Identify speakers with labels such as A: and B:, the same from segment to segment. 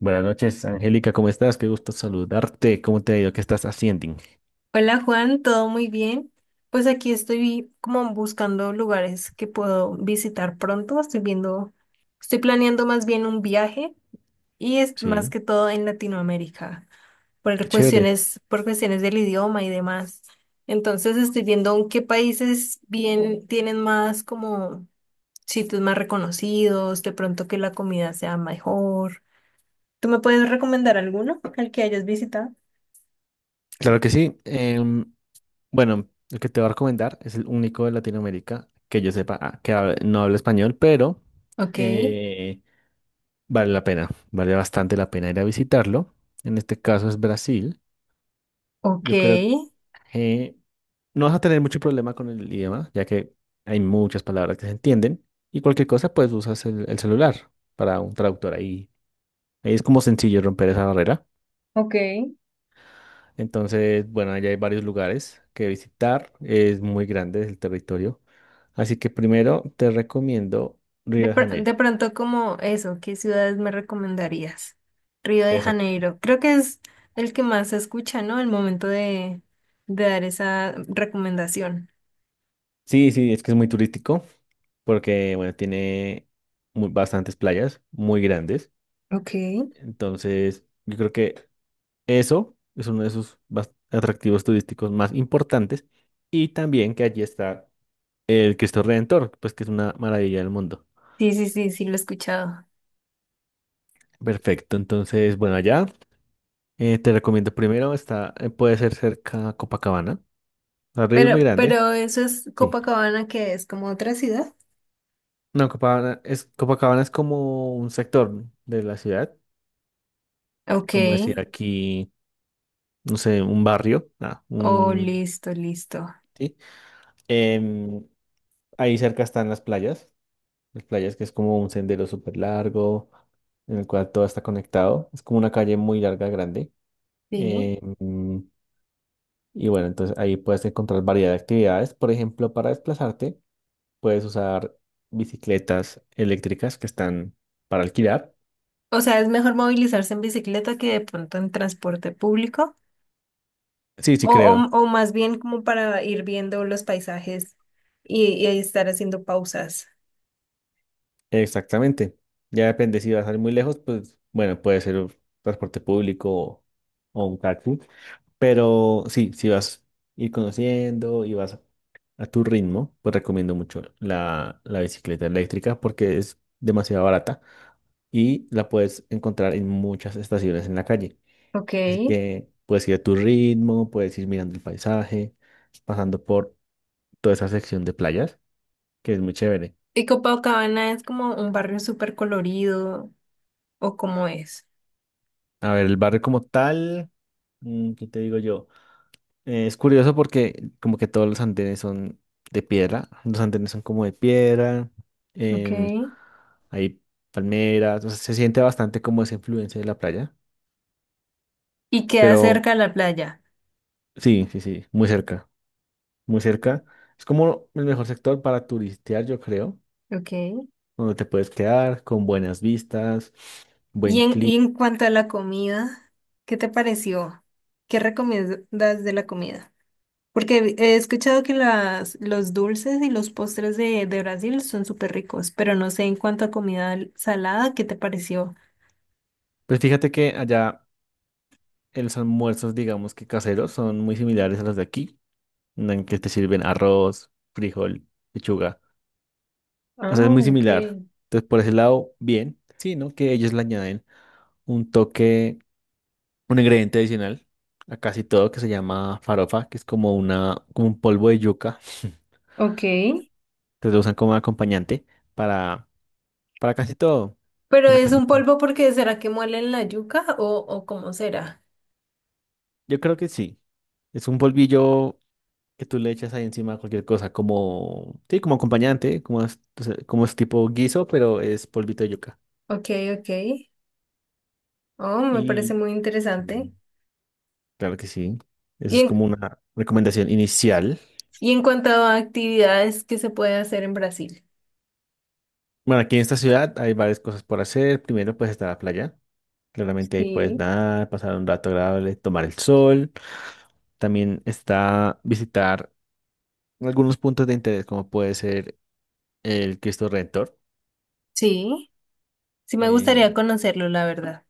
A: Buenas noches, Angélica, ¿cómo estás? Qué gusto saludarte. ¿Cómo te ha ido? ¿Qué estás haciendo?
B: Hola Juan, ¿todo muy bien? Pues aquí estoy como buscando lugares que puedo visitar pronto. Estoy viendo, estoy planeando más bien un viaje y es más
A: Sí,
B: que todo en Latinoamérica, por
A: qué chévere.
B: cuestiones, por cuestiones del idioma y demás. Entonces estoy viendo en qué países bien tienen más como sitios más reconocidos, de pronto que la comida sea mejor. ¿Tú me puedes recomendar alguno al que hayas visitado?
A: Claro que sí. Bueno, el que te voy a recomendar es el único de Latinoamérica que yo sepa ah, que no habla español, pero
B: Ok,
A: eh, vale la pena, vale bastante la pena ir a visitarlo. En este caso es Brasil. Yo creo
B: ok.
A: que no vas a tener mucho problema con el idioma, ya que hay muchas palabras que se entienden y cualquier cosa, pues usas el celular para un traductor ahí. Es como sencillo romper esa barrera.
B: Ok.
A: Entonces, bueno, allá hay varios lugares que visitar. Es muy grande el territorio. Así que primero te recomiendo Río de
B: De
A: Janeiro.
B: pronto como eso, ¿qué ciudades me recomendarías? Río de
A: Exacto.
B: Janeiro. Creo que es el que más se escucha, ¿no? El momento de dar esa recomendación.
A: Sí, sí, es que es muy turístico porque, bueno, tiene bastantes playas muy grandes.
B: Ok. Sí,
A: Entonces, yo creo que eso es uno de sus atractivos turísticos más importantes. Y también que allí está el Cristo Redentor, pues que es una maravilla del mundo.
B: sí, sí, sí, lo he escuchado.
A: Perfecto, entonces, bueno, allá. Te recomiendo primero, está, puede ser cerca a Copacabana. El río es muy
B: Pero,
A: grande.
B: pero eso es
A: Sí.
B: Copacabana, que es como otra ciudad.
A: No, Copacabana es como un sector de la ciudad,
B: Ok.
A: como decir aquí, no sé, un barrio, ah,
B: Oh,
A: un...
B: listo, listo.
A: Sí. Em, Ahí cerca están las playas que es como un sendero súper largo, en el cual todo está conectado. Es como una calle muy larga, grande.
B: Sí.
A: Em, y bueno, entonces ahí puedes encontrar variedad de actividades. Por ejemplo, para desplazarte. Puedes usar bicicletas eléctricas que están para alquilar.
B: O sea, es mejor movilizarse en bicicleta que de pronto en transporte público.
A: Sí, sí,
B: O, o,
A: creo.
B: o más bien como para ir viendo los paisajes y ahí estar haciendo pausas.
A: Exactamente. Ya depende si vas a ir muy lejos, pues bueno, puede ser un transporte público o un taxi. Pero sí, si vas a ir conociendo y vas a tu ritmo, pues recomiendo mucho la bicicleta eléctrica porque es demasiado barata y la puedes encontrar en muchas estaciones en la calle.
B: Ok.
A: Así que puedes ir a tu ritmo, puedes ir mirando el paisaje, pasando por toda esa sección de playas, que es muy chévere.
B: ¿Y Copacabana es como un barrio súper colorido o cómo es?
A: A ver, el barrio como tal, ¿qué te digo yo? Es curioso porque como que todos los andenes son de piedra, los andenes son como de piedra,
B: Ok.
A: em, hay palmeras, o sea, se siente bastante como esa influencia de la playa,
B: Y queda
A: pero
B: cerca a la playa.
A: sí, sí, sí, muy cerca, muy cerca. Es como el mejor sector para turistear, yo creo,
B: Ok.
A: donde te puedes quedar con buenas vistas, buen
B: Y
A: clima.
B: en cuanto a la comida, ¿qué te pareció? ¿Qué recomiendas de la comida? Porque he escuchado que los dulces y los postres de Brasil son súper ricos, pero no sé en cuanto a comida salada, ¿qué te pareció?
A: Pues fíjate que allá los almuerzos, digamos que caseros, son muy similares a los de aquí, en que te sirven arroz, frijol, lechuga. O
B: Ah,
A: sea, es muy
B: ok.
A: similar. Entonces, por ese lado, bien, sí, ¿no? Que ellos le añaden un toque, un ingrediente adicional a casi todo que se llama farofa, que es como una, como un polvo de yuca.
B: Ok.
A: Entonces lo usan como acompañante para, para casi todo.
B: Pero
A: Para
B: es
A: casi
B: un
A: todo.
B: polvo porque ¿será que muele en la yuca o cómo será?
A: Yo creo que sí. Es un polvillo que tú le echas ahí encima a cualquier cosa, como, sí, como acompañante, como es, o sea, como es tipo guiso, pero es polvito de yuca.
B: Ok, ok. Oh, me parece
A: Y
B: muy
A: sí,
B: interesante.
A: claro que sí. Esa
B: Y
A: es
B: en,
A: como una recomendación inicial.
B: y en cuanto a actividades que se puede hacer en Brasil.
A: Bueno, aquí en esta ciudad hay varias cosas por hacer. Primero, pues está la playa. Claramente ahí puedes
B: Sí,
A: nadar, pasar un rato agradable, tomar el sol. También está visitar algunos puntos de interés, como puede ser el Cristo Redentor.
B: sí. Sí me gustaría
A: Eh,
B: conocerlo, la verdad.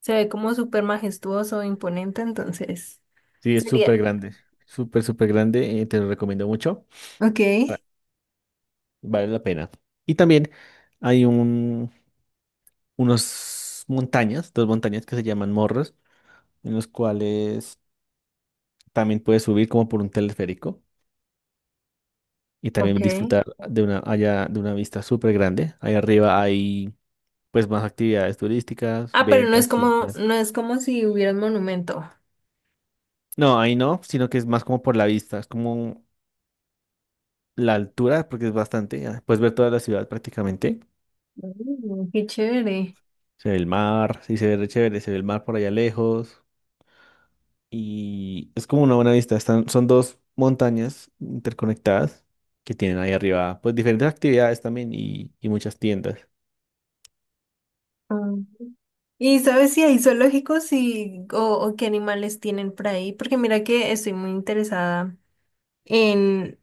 B: Se ve como súper majestuoso, imponente, entonces
A: Sí, es súper
B: sería.
A: grande, súper, súper grande, te lo recomiendo mucho,
B: Ok,
A: ah, vale la pena. Y también hay unos montañas, dos montañas que se llaman morros, en los cuales también puedes subir como por un teleférico y
B: ok.
A: también disfrutar de una, allá, de una vista súper grande. Ahí arriba hay pues más actividades turísticas,
B: Ah,
A: ventas, tiendas.
B: no es como si hubiera un monumento.
A: No, ahí no, sino que es más como por la vista, es como la altura, porque es bastante, ah, puedes ver toda la ciudad prácticamente.
B: Mm, qué chévere.
A: Se ve el mar, sí, se ve re chévere, se ve el mar por allá lejos. Y es como una buena vista. Están, son dos montañas interconectadas que tienen ahí arriba, pues diferentes actividades también y muchas tiendas.
B: ¿Y sabes si hay zoológicos o qué animales tienen por ahí? Porque mira que estoy muy interesada en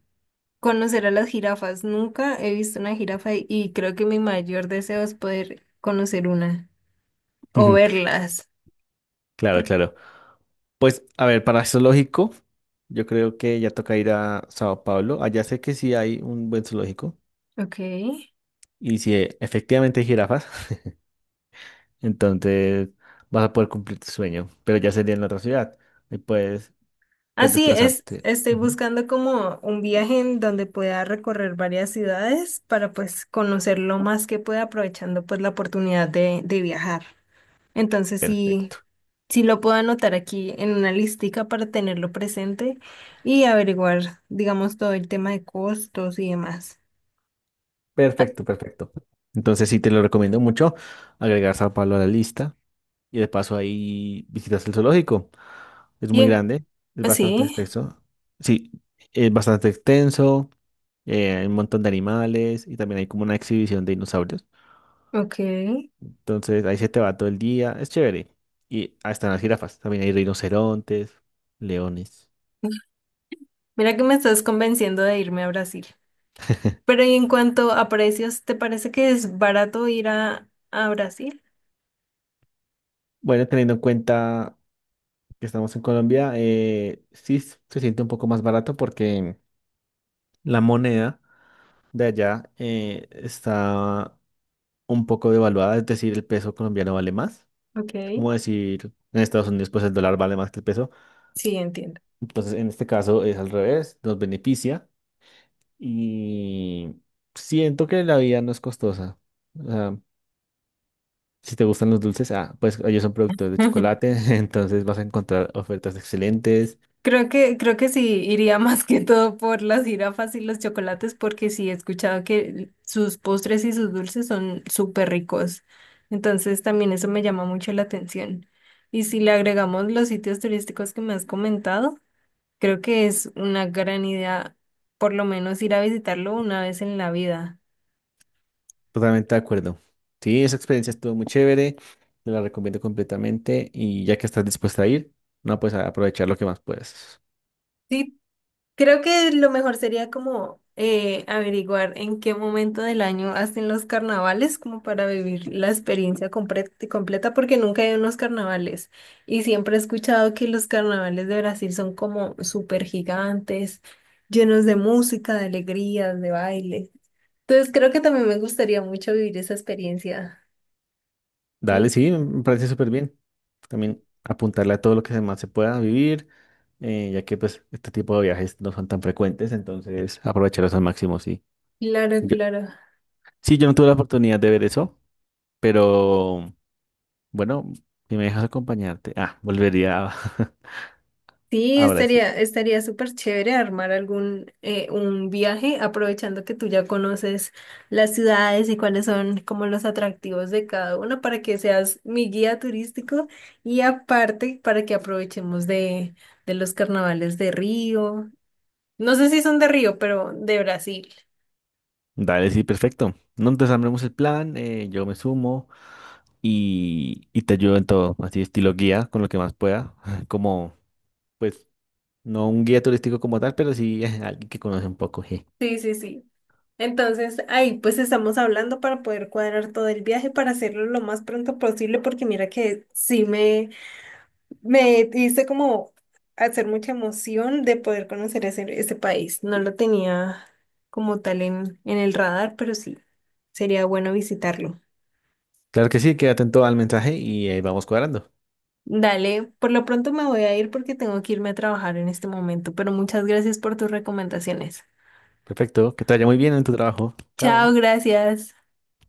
B: conocer a las jirafas. Nunca he visto una jirafa y creo que mi mayor deseo es poder conocer una o
A: Ujú.
B: verlas.
A: Claro,
B: Porque,
A: claro. Pues, a ver, para zoológico, yo creo que ya toca ir a Sao Paulo. Allá sé que sí hay un buen zoológico
B: ok.
A: y si efectivamente hay jirafas, entonces vas a poder cumplir tu sueño, pero ya sería en la otra ciudad y puedes, puedes
B: Así es,
A: desplazarte.
B: estoy
A: Ujú.
B: buscando como un viaje en donde pueda recorrer varias ciudades para pues conocer lo más que pueda aprovechando pues la oportunidad de viajar. Entonces sí,
A: Perfecto.
B: si lo puedo anotar aquí en una listica para tenerlo presente y averiguar, digamos, todo el tema de costos y demás.
A: Perfecto, perfecto. Entonces sí te lo recomiendo mucho agregar Sao Paulo a la lista y de paso ahí visitas el zoológico. Es
B: Y
A: muy
B: en-
A: grande, es bastante
B: sí,
A: extenso. Sí, es bastante extenso, hay un montón de animales y también hay como una exhibición de dinosaurios.
B: ok.
A: Entonces ahí se te va todo el día, es chévere. Y ahí están las jirafas, también hay rinocerontes, leones.
B: Mira que me estás convenciendo de irme a Brasil. Pero y en cuanto a precios, ¿te parece que es barato ir a Brasil?
A: Bueno, teniendo en cuenta que estamos en Colombia, sí se siente un poco más barato porque la moneda de allá está un poco devaluada, es decir, el peso colombiano vale más.
B: Ok,
A: Es como decir, en Estados Unidos pues el dólar vale más que el peso.
B: sí, entiendo.
A: Entonces, en este caso es al revés, nos beneficia y siento que la vida no es costosa. O sea, si te gustan los dulces, ah, pues ellos son productores de chocolate, entonces vas a encontrar ofertas excelentes.
B: Creo que sí iría más que todo por las jirafas y los chocolates, porque sí he escuchado que sus postres y sus dulces son súper ricos. Entonces también eso me llama mucho la atención. Y si le agregamos los sitios turísticos que me has comentado, creo que es una gran idea por lo menos ir a visitarlo una vez en la vida.
A: Totalmente de acuerdo. Sí, esa experiencia estuvo muy chévere, te la recomiendo completamente y ya que estás dispuesta a ir, no, pues a aprovechar lo que más puedes.
B: Sí, creo que lo mejor sería como averiguar en qué momento del año hacen los carnavales, como para vivir la experiencia completa, porque nunca he ido a unos carnavales. Y siempre he escuchado que los carnavales de Brasil son como súper gigantes, llenos de música, de alegrías, de baile. Entonces creo que también me gustaría mucho vivir esa experiencia.
A: Dale,
B: Mm,
A: sí, me parece súper bien. También apuntarle a todo lo que más se pueda vivir, ya que pues este tipo de viajes no son tan frecuentes, entonces aprovecharlos al máximo, sí.
B: claro,
A: Yo,
B: claro.
A: sí, yo no tuve la oportunidad de ver eso, pero bueno, si me dejas acompañarte, ah, volvería a,
B: Sí,
A: a Brasil.
B: estaría súper chévere armar algún un viaje, aprovechando que tú ya conoces las ciudades y cuáles son como los atractivos de cada una para que seas mi guía turístico y aparte para que aprovechemos de los carnavales de Río. No sé si son de Río, pero de Brasil.
A: Dale, sí, perfecto. No, entonces armemos el plan, yo me sumo y te ayudo en todo, así estilo guía, con lo que más pueda, como pues... No un guía turístico como tal, pero sí alguien que conoce un poco.
B: Sí, sí, sí. Entonces, ahí pues estamos hablando para poder cuadrar todo el viaje, para hacerlo lo más pronto posible, porque mira que sí me... Me hice como hacer mucha emoción de poder conocer ese país. No lo tenía como tal en el radar, pero sí, sería bueno visitarlo.
A: Claro que sí, quédate atento al mensaje y ahí vamos cuadrando.
B: Dale, por lo pronto me voy a ir porque tengo que irme a trabajar en este momento, pero muchas gracias por tus recomendaciones.
A: Perfecto, que te vaya muy bien en tu trabajo.
B: Chao,
A: Chao.
B: gracias.